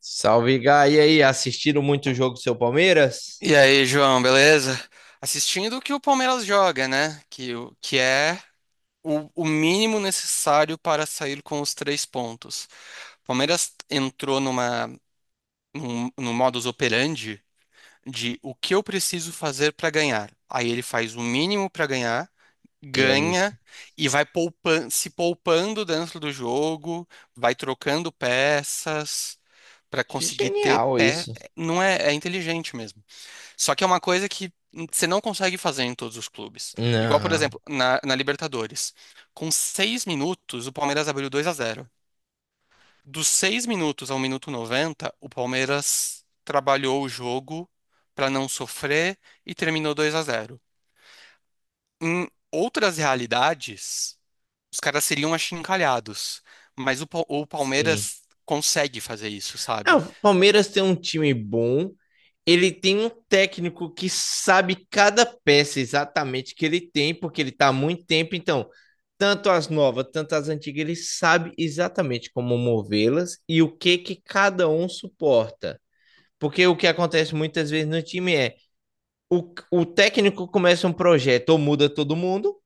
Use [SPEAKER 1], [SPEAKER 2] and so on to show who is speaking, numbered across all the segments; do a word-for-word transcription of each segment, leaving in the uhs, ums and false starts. [SPEAKER 1] Salve, Gá. E aí, assistiram muito o jogo do seu Palmeiras?
[SPEAKER 2] E aí, João, beleza? Assistindo o que o Palmeiras joga, né? Que, o- que é o, o mínimo necessário para sair com os três pontos. O Palmeiras entrou numa, num, num modus operandi de o que eu preciso fazer para ganhar. Aí ele faz o mínimo para ganhar,
[SPEAKER 1] E é
[SPEAKER 2] ganha
[SPEAKER 1] isso.
[SPEAKER 2] e vai poupan- se poupando dentro do jogo, vai trocando peças para conseguir ter
[SPEAKER 1] Genial
[SPEAKER 2] pé.
[SPEAKER 1] isso.
[SPEAKER 2] Não é, é inteligente mesmo. Só que é uma coisa que você não consegue fazer em todos os clubes. Igual, por
[SPEAKER 1] Não,
[SPEAKER 2] exemplo, na, na Libertadores. Com seis minutos, o Palmeiras abriu dois a zero. Dos seis minutos ao minuto noventa, o Palmeiras trabalhou o jogo para não sofrer e terminou dois a zero. Em outras realidades, os caras seriam achincalhados. Mas o, Pal- o
[SPEAKER 1] sim.
[SPEAKER 2] Palmeiras consegue fazer isso,
[SPEAKER 1] Ah,
[SPEAKER 2] sabe?
[SPEAKER 1] o Palmeiras tem um time bom. Ele tem um técnico que sabe cada peça exatamente que ele tem, porque ele tá há muito tempo. Então, tanto as novas, tanto as antigas, ele sabe exatamente como movê-las e o que que cada um suporta. Porque o que acontece muitas vezes no time é o, o técnico começa um projeto ou muda todo mundo,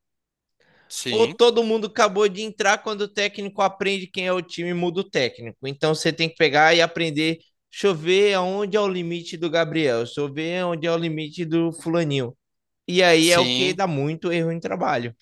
[SPEAKER 1] ou
[SPEAKER 2] Sim,
[SPEAKER 1] todo mundo acabou de entrar quando o técnico aprende quem é o time muda o técnico. Então você tem que pegar e aprender. Deixa eu ver aonde é o limite do Gabriel, deixa eu ver onde é o limite do fulaninho. E aí é o que
[SPEAKER 2] sim.
[SPEAKER 1] dá muito erro em trabalho.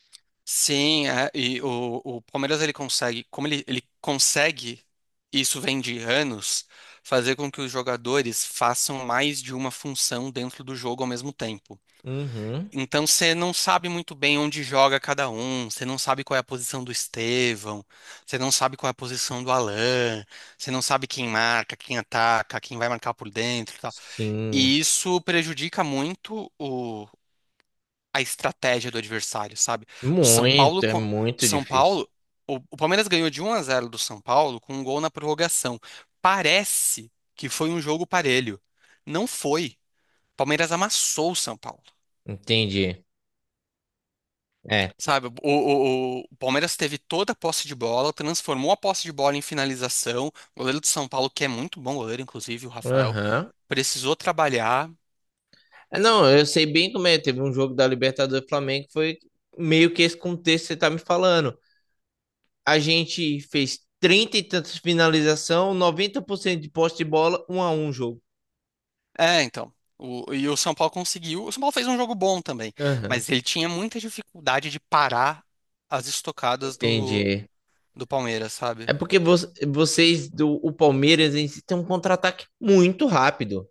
[SPEAKER 2] Sim, é, e o, o Palmeiras ele consegue, como ele, ele consegue, isso vem de anos, fazer com que os jogadores façam mais de uma função dentro do jogo ao mesmo tempo.
[SPEAKER 1] Uhum.
[SPEAKER 2] Então você não sabe muito bem onde joga cada um, você não sabe qual é a posição do Estevão, você não sabe qual é a posição do Alan, você não sabe quem marca, quem ataca, quem vai marcar por dentro e tal.
[SPEAKER 1] Sim.
[SPEAKER 2] E isso prejudica muito a estratégia do adversário, sabe? O São Paulo,
[SPEAKER 1] Muito, é
[SPEAKER 2] co- o
[SPEAKER 1] muito
[SPEAKER 2] São
[SPEAKER 1] difícil.
[SPEAKER 2] Paulo, o, o Palmeiras ganhou de um a zero do São Paulo com um gol na prorrogação. Parece que foi um jogo parelho. Não foi. O Palmeiras amassou o São Paulo.
[SPEAKER 1] Entendi. É.
[SPEAKER 2] Sabe, o, o- o- o Palmeiras teve toda a posse de bola, transformou a posse de bola em finalização. O goleiro do São Paulo, que é muito bom goleiro, inclusive, o Rafael,
[SPEAKER 1] Aham.
[SPEAKER 2] precisou trabalhar.
[SPEAKER 1] É. Não, eu sei bem como é. Teve um jogo da Libertadores do Flamengo que foi meio que esse contexto que você tá me falando. A gente fez trinta e tantas finalização, noventa por cento de posse de bola, um a um jogo.
[SPEAKER 2] É, então. O, e o São Paulo conseguiu. O São Paulo fez um jogo bom também,
[SPEAKER 1] Aham,
[SPEAKER 2] mas ele tinha muita dificuldade de parar as estocadas do,
[SPEAKER 1] entendi.
[SPEAKER 2] do Palmeiras, sabe?
[SPEAKER 1] É porque vo- vocês do o Palmeiras em si, tem um contra-ataque muito rápido.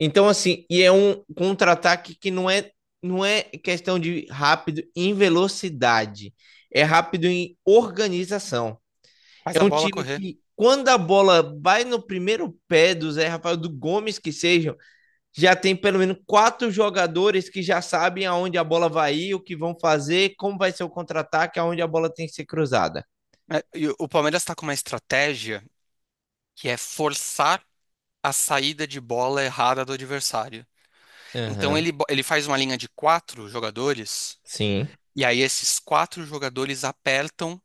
[SPEAKER 1] Então assim, e é um contra-ataque que não é não é questão de rápido em velocidade, é rápido em organização.
[SPEAKER 2] Faz
[SPEAKER 1] É
[SPEAKER 2] a
[SPEAKER 1] um
[SPEAKER 2] bola
[SPEAKER 1] time
[SPEAKER 2] correr.
[SPEAKER 1] que quando a bola vai no primeiro pé do Zé Rafael, do Gomes que seja, já tem pelo menos quatro jogadores que já sabem aonde a bola vai ir, o que vão fazer, como vai ser o contra-ataque, aonde a bola tem que ser cruzada.
[SPEAKER 2] É, e o o Palmeiras está com uma estratégia que é forçar a saída de bola errada do adversário. Então
[SPEAKER 1] Aham, uhum,
[SPEAKER 2] ele, bo- ele faz uma linha de quatro jogadores,
[SPEAKER 1] sim.
[SPEAKER 2] e aí esses quatro jogadores apertam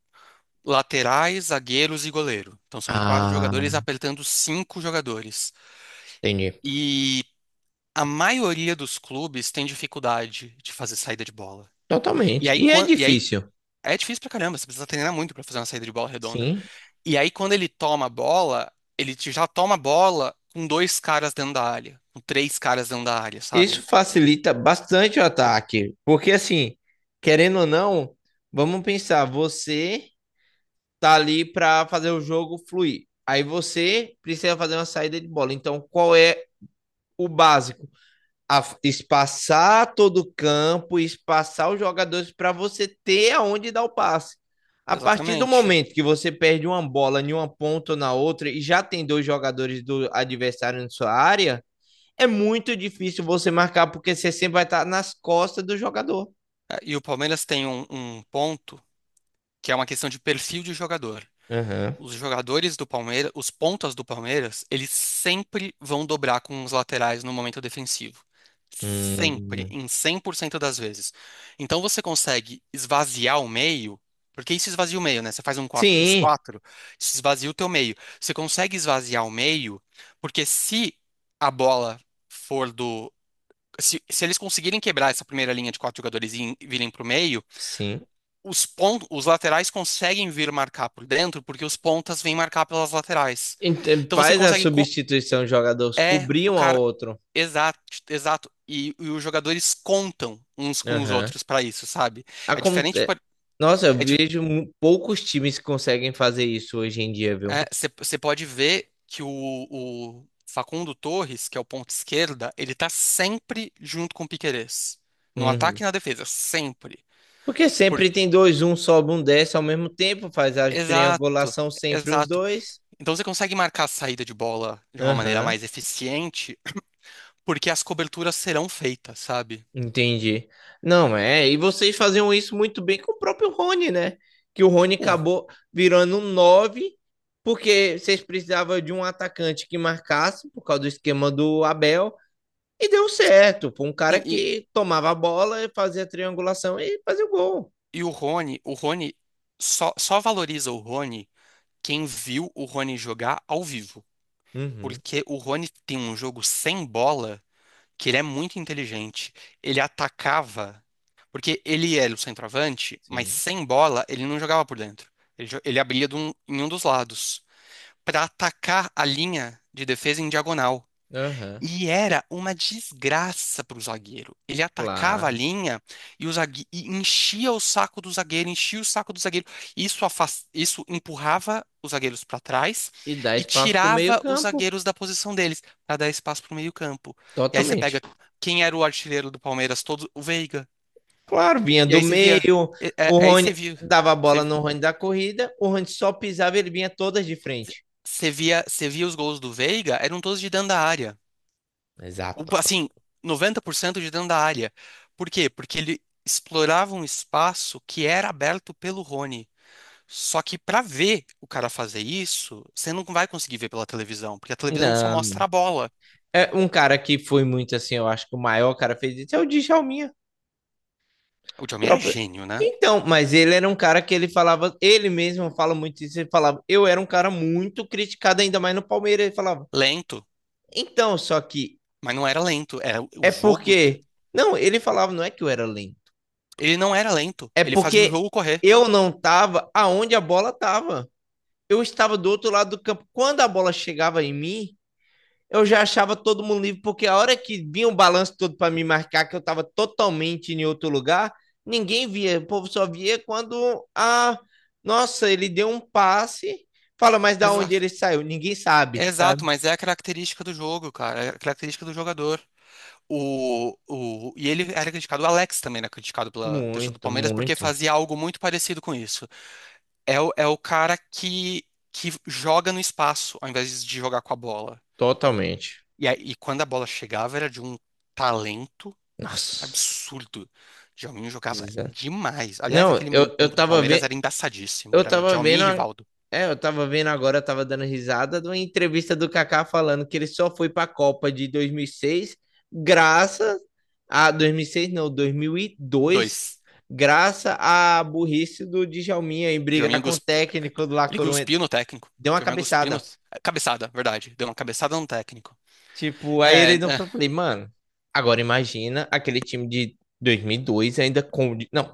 [SPEAKER 2] laterais, zagueiros e goleiro. Então são quatro
[SPEAKER 1] Ah,
[SPEAKER 2] jogadores apertando cinco jogadores.
[SPEAKER 1] entendi.
[SPEAKER 2] E a maioria dos clubes tem dificuldade de fazer saída de bola. E
[SPEAKER 1] Totalmente.
[SPEAKER 2] aí,
[SPEAKER 1] E é
[SPEAKER 2] quan- e aí
[SPEAKER 1] difícil.
[SPEAKER 2] é difícil pra caramba, você precisa treinar muito pra fazer uma saída de bola redonda.
[SPEAKER 1] Sim.
[SPEAKER 2] E aí, quando ele toma a bola, ele te- já toma a bola com dois caras dentro da área, com três caras dentro da área,
[SPEAKER 1] Isso
[SPEAKER 2] sabe?
[SPEAKER 1] facilita bastante o ataque, porque assim, querendo ou não, vamos pensar, você tá ali para fazer o jogo fluir. Aí você precisa fazer uma saída de bola. Então, qual é o básico? A espaçar todo o campo, espaçar os jogadores para você ter aonde dar o passe. A partir do
[SPEAKER 2] Exatamente.
[SPEAKER 1] momento que você perde uma bola em uma ponta ou na outra e já tem dois jogadores do adversário na sua área, é muito difícil você marcar porque você sempre vai estar nas costas do jogador.
[SPEAKER 2] É, e o Palmeiras tem um, um ponto que é uma questão de perfil de jogador.
[SPEAKER 1] Aham.
[SPEAKER 2] Os jogadores do Palmeiras, os pontas do Palmeiras, eles sempre vão dobrar com os laterais no momento defensivo. Sempre,
[SPEAKER 1] Hum.
[SPEAKER 2] em cem por cento das vezes. Então você consegue esvaziar o meio, porque isso esvazia o meio, né? Você faz um quatro dois
[SPEAKER 1] Sim,
[SPEAKER 2] quatro, isso esvazia o teu meio. Você consegue esvaziar o meio, porque se a bola for do. Se, se eles conseguirem quebrar essa primeira linha de quatro jogadores e virem para o meio,
[SPEAKER 1] sim.
[SPEAKER 2] os pontos, os laterais conseguem vir marcar por dentro porque os pontas vêm marcar pelas laterais.
[SPEAKER 1] Ent-
[SPEAKER 2] Então você
[SPEAKER 1] Faz a
[SPEAKER 2] consegue. co-
[SPEAKER 1] substituição, os jogadores
[SPEAKER 2] É
[SPEAKER 1] cobrir
[SPEAKER 2] o
[SPEAKER 1] um ao
[SPEAKER 2] cara.
[SPEAKER 1] outro.
[SPEAKER 2] Exato, exato. E, e os jogadores contam uns com os
[SPEAKER 1] Aham.
[SPEAKER 2] outros para isso, sabe? É diferente.
[SPEAKER 1] Aconte...
[SPEAKER 2] por-
[SPEAKER 1] Nossa, eu
[SPEAKER 2] É, di-
[SPEAKER 1] vejo mu- poucos times que conseguem fazer isso hoje em dia, viu?
[SPEAKER 2] é, você você pode ver que o, o Facundo Torres, que é o ponto esquerda, ele tá sempre junto com o Piquerez. No
[SPEAKER 1] Uhum.
[SPEAKER 2] ataque e na defesa, sempre.
[SPEAKER 1] Porque sempre
[SPEAKER 2] Porque,
[SPEAKER 1] tem dois, um sobe, um desce ao mesmo tempo, faz a
[SPEAKER 2] exato.
[SPEAKER 1] triangulação sempre os
[SPEAKER 2] Exato.
[SPEAKER 1] dois.
[SPEAKER 2] Então você consegue marcar a saída de bola de uma maneira
[SPEAKER 1] Aham,
[SPEAKER 2] mais eficiente, porque as coberturas serão feitas, sabe?
[SPEAKER 1] entendi. Não, é, e vocês faziam isso muito bem com o próprio Rony, né? Que o Rony
[SPEAKER 2] O-
[SPEAKER 1] acabou virando um nove, porque vocês precisavam de um atacante que marcasse, por causa do esquema do Abel. E deu certo, pô, um
[SPEAKER 2] e,
[SPEAKER 1] cara
[SPEAKER 2] e-
[SPEAKER 1] que tomava a bola, fazia a triangulação e fazia o gol.
[SPEAKER 2] e o Rony, o Rony só, só valoriza o Rony quem viu o Rony jogar ao vivo.
[SPEAKER 1] Uhum,
[SPEAKER 2] Porque o Rony tem um jogo sem bola que ele é muito inteligente. Ele atacava, porque ele era o centroavante, mas
[SPEAKER 1] sim.
[SPEAKER 2] sem bola ele não jogava por dentro. Ele, jo- ele abria de um- em um dos lados para atacar a linha de defesa em diagonal.
[SPEAKER 1] Aham,
[SPEAKER 2] E era uma desgraça para o zagueiro. Ele atacava a
[SPEAKER 1] claro.
[SPEAKER 2] linha e, o zague... e enchia o saco do zagueiro, enchia o saco do zagueiro. Isso, afas- Isso empurrava os zagueiros para trás
[SPEAKER 1] E dá
[SPEAKER 2] e
[SPEAKER 1] espaço pro
[SPEAKER 2] tirava os
[SPEAKER 1] meio-campo,
[SPEAKER 2] zagueiros da posição deles para dar espaço para o meio-campo. E aí você
[SPEAKER 1] totalmente.
[SPEAKER 2] pega quem era o artilheiro do Palmeiras todo, o Veiga.
[SPEAKER 1] Claro, vinha
[SPEAKER 2] E
[SPEAKER 1] do
[SPEAKER 2] aí você via,
[SPEAKER 1] meio,
[SPEAKER 2] é- é-
[SPEAKER 1] o
[SPEAKER 2] aí você
[SPEAKER 1] Rony
[SPEAKER 2] via,
[SPEAKER 1] dava a bola
[SPEAKER 2] você
[SPEAKER 1] no Rony da corrida, o Rony só pisava e ele vinha todas de frente.
[SPEAKER 2] você via, você via os gols do Veiga, eram todos de dentro da área. O-
[SPEAKER 1] Exato.
[SPEAKER 2] assim, noventa por cento de dentro da área. Por quê? Porque ele explorava um espaço que era aberto pelo Rony. Só que para ver o cara fazer isso, você não vai conseguir ver pela televisão, porque a televisão só mostra
[SPEAKER 1] Não,
[SPEAKER 2] a bola.
[SPEAKER 1] é um cara que foi muito assim, eu acho que o maior cara fez isso é o Djalminha.
[SPEAKER 2] O John Mayer era
[SPEAKER 1] Próprio.
[SPEAKER 2] gênio, né?
[SPEAKER 1] Então, mas ele era um cara que ele falava, ele mesmo fala muito isso, ele falava, eu era um cara muito criticado, ainda mais no Palmeiras, ele falava.
[SPEAKER 2] Lento,
[SPEAKER 1] Então, só que
[SPEAKER 2] mas não era lento. Era o o
[SPEAKER 1] é
[SPEAKER 2] jogo. te-
[SPEAKER 1] porque. Não, ele falava, não é que eu era lento.
[SPEAKER 2] Ele não era lento.
[SPEAKER 1] É
[SPEAKER 2] Ele fazia o
[SPEAKER 1] porque
[SPEAKER 2] jogo correr.
[SPEAKER 1] eu não tava aonde a bola tava. Eu estava do outro lado do campo. Quando a bola chegava em mim, eu já achava todo mundo livre, porque a hora que vinha o balanço todo para me marcar, que eu estava totalmente em outro lugar, ninguém via. O povo só via quando a. Nossa, ele deu um passe. Fala, mas da onde
[SPEAKER 2] Exato.
[SPEAKER 1] ele saiu? Ninguém sabe, sabe?
[SPEAKER 2] Exato, mas é a característica do jogo, cara. É a característica do jogador. O, o, e ele era criticado, o Alex também era criticado pela torcida do
[SPEAKER 1] Muito,
[SPEAKER 2] Palmeiras porque
[SPEAKER 1] muito.
[SPEAKER 2] fazia algo muito parecido com isso. É o, é o cara que, que joga no espaço ao invés de jogar com a bola.
[SPEAKER 1] Totalmente.
[SPEAKER 2] E, aí- e quando a bola chegava, era de um talento
[SPEAKER 1] Nossa.
[SPEAKER 2] absurdo. Djalminho jogava
[SPEAKER 1] Exa-
[SPEAKER 2] demais. Aliás,
[SPEAKER 1] Não,
[SPEAKER 2] aquele
[SPEAKER 1] eu, eu
[SPEAKER 2] meio-campo do
[SPEAKER 1] tava
[SPEAKER 2] Palmeiras
[SPEAKER 1] vendo.
[SPEAKER 2] era embaçadíssimo.
[SPEAKER 1] Eu
[SPEAKER 2] Era
[SPEAKER 1] tava vendo,
[SPEAKER 2] Djalminho e
[SPEAKER 1] a-
[SPEAKER 2] Rivaldo.
[SPEAKER 1] é, eu tava vendo agora, eu tava dando risada de uma entrevista do Kaká falando que ele só foi pra Copa de dois mil e seis graças a dois mil e seis não, dois mil e dois
[SPEAKER 2] Dois.
[SPEAKER 1] graças à burrice do Djalminha em
[SPEAKER 2] Djalminho
[SPEAKER 1] brigar com o
[SPEAKER 2] cuspiu.
[SPEAKER 1] técnico do La
[SPEAKER 2] Ele
[SPEAKER 1] Coruña.
[SPEAKER 2] cuspiu no técnico.
[SPEAKER 1] Deu uma
[SPEAKER 2] Djalminho cuspiu no.
[SPEAKER 1] cabeçada.
[SPEAKER 2] Cabeçada, verdade. Deu uma cabeçada no técnico.
[SPEAKER 1] Tipo, aí
[SPEAKER 2] É.
[SPEAKER 1] ele não
[SPEAKER 2] É.
[SPEAKER 1] foi, eu falei, mano, agora imagina aquele time de dois mil e dois ainda com, não,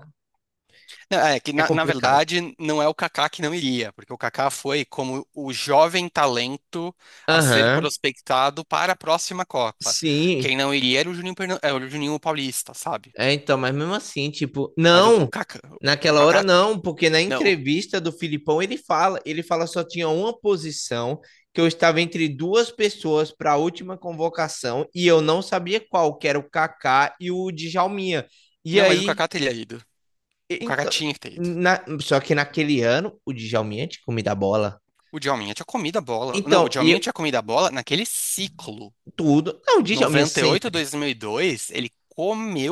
[SPEAKER 2] É que,
[SPEAKER 1] é
[SPEAKER 2] na, na
[SPEAKER 1] complicado.
[SPEAKER 2] verdade, não é o Kaká que não iria, porque o Kaká foi como o jovem talento a ser
[SPEAKER 1] Aham,
[SPEAKER 2] prospectado para a próxima Copa.
[SPEAKER 1] sim.
[SPEAKER 2] Quem não iria era o Juninho, Pernam- era o Juninho Paulista, sabe?
[SPEAKER 1] É, então, mas mesmo assim, tipo,
[SPEAKER 2] Mas o, o
[SPEAKER 1] não,
[SPEAKER 2] Kaká, o
[SPEAKER 1] naquela hora
[SPEAKER 2] Kaká,
[SPEAKER 1] não, porque na
[SPEAKER 2] não, o-
[SPEAKER 1] entrevista do Filipão ele fala, ele fala só tinha uma posição que eu estava entre duas pessoas para a última convocação e eu não sabia qual, que era o Kaká e o Djalminha. E
[SPEAKER 2] não, mas o
[SPEAKER 1] aí,
[SPEAKER 2] Kaká teria ido.
[SPEAKER 1] e-
[SPEAKER 2] O Kaká
[SPEAKER 1] então,
[SPEAKER 2] tinha que ter ido.
[SPEAKER 1] na- só que naquele ano o Djalminha tinha comido a bola.
[SPEAKER 2] O Djalminha tinha comido a bola. Não, o
[SPEAKER 1] Então, e
[SPEAKER 2] Djalminha
[SPEAKER 1] eu-
[SPEAKER 2] tinha comido a bola naquele ciclo.
[SPEAKER 1] tudo, não, o Djalminha
[SPEAKER 2] noventa e oito a
[SPEAKER 1] sempre.
[SPEAKER 2] dois mil e dois, ele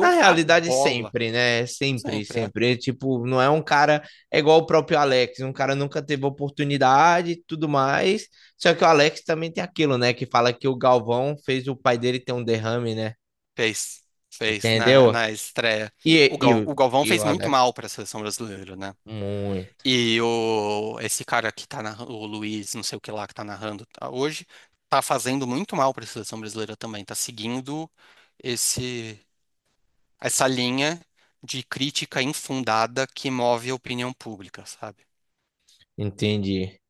[SPEAKER 1] Na
[SPEAKER 2] a
[SPEAKER 1] realidade,
[SPEAKER 2] bola.
[SPEAKER 1] sempre, né? Sempre,
[SPEAKER 2] Sempre. É.
[SPEAKER 1] sempre. Ele, tipo, não é um cara. É igual o próprio Alex. Um cara nunca teve oportunidade e tudo mais. Só que o Alex também tem aquilo, né? Que fala que o Galvão fez o pai dele ter um derrame, né?
[SPEAKER 2] Fez, fez na,
[SPEAKER 1] Entendeu?
[SPEAKER 2] na estreia. O,
[SPEAKER 1] E, e,
[SPEAKER 2] Gal,
[SPEAKER 1] o-
[SPEAKER 2] o Galvão
[SPEAKER 1] e o
[SPEAKER 2] fez muito
[SPEAKER 1] Alex.
[SPEAKER 2] mal para a seleção brasileira, né?
[SPEAKER 1] Muito.
[SPEAKER 2] E o, esse cara que tá narrando o Luiz, não sei o que lá, que tá narrando tá, hoje, tá fazendo muito mal para a seleção brasileira também. Tá seguindo esse, essa linha de crítica infundada que move a opinião pública, sabe?
[SPEAKER 1] Entendi.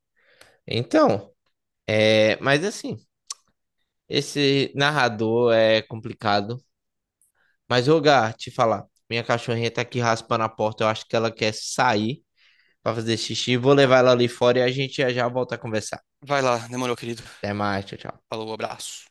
[SPEAKER 1] Então, é. Mas assim, esse narrador é complicado. Mas, ô, Gá, te falar. Minha cachorrinha tá aqui raspando a porta. Eu acho que ela quer sair pra fazer xixi. Vou levar ela ali fora e a gente já já volta a conversar.
[SPEAKER 2] Vai lá, demorou, querido.
[SPEAKER 1] Até mais, tchau, tchau.
[SPEAKER 2] Falou, abraço.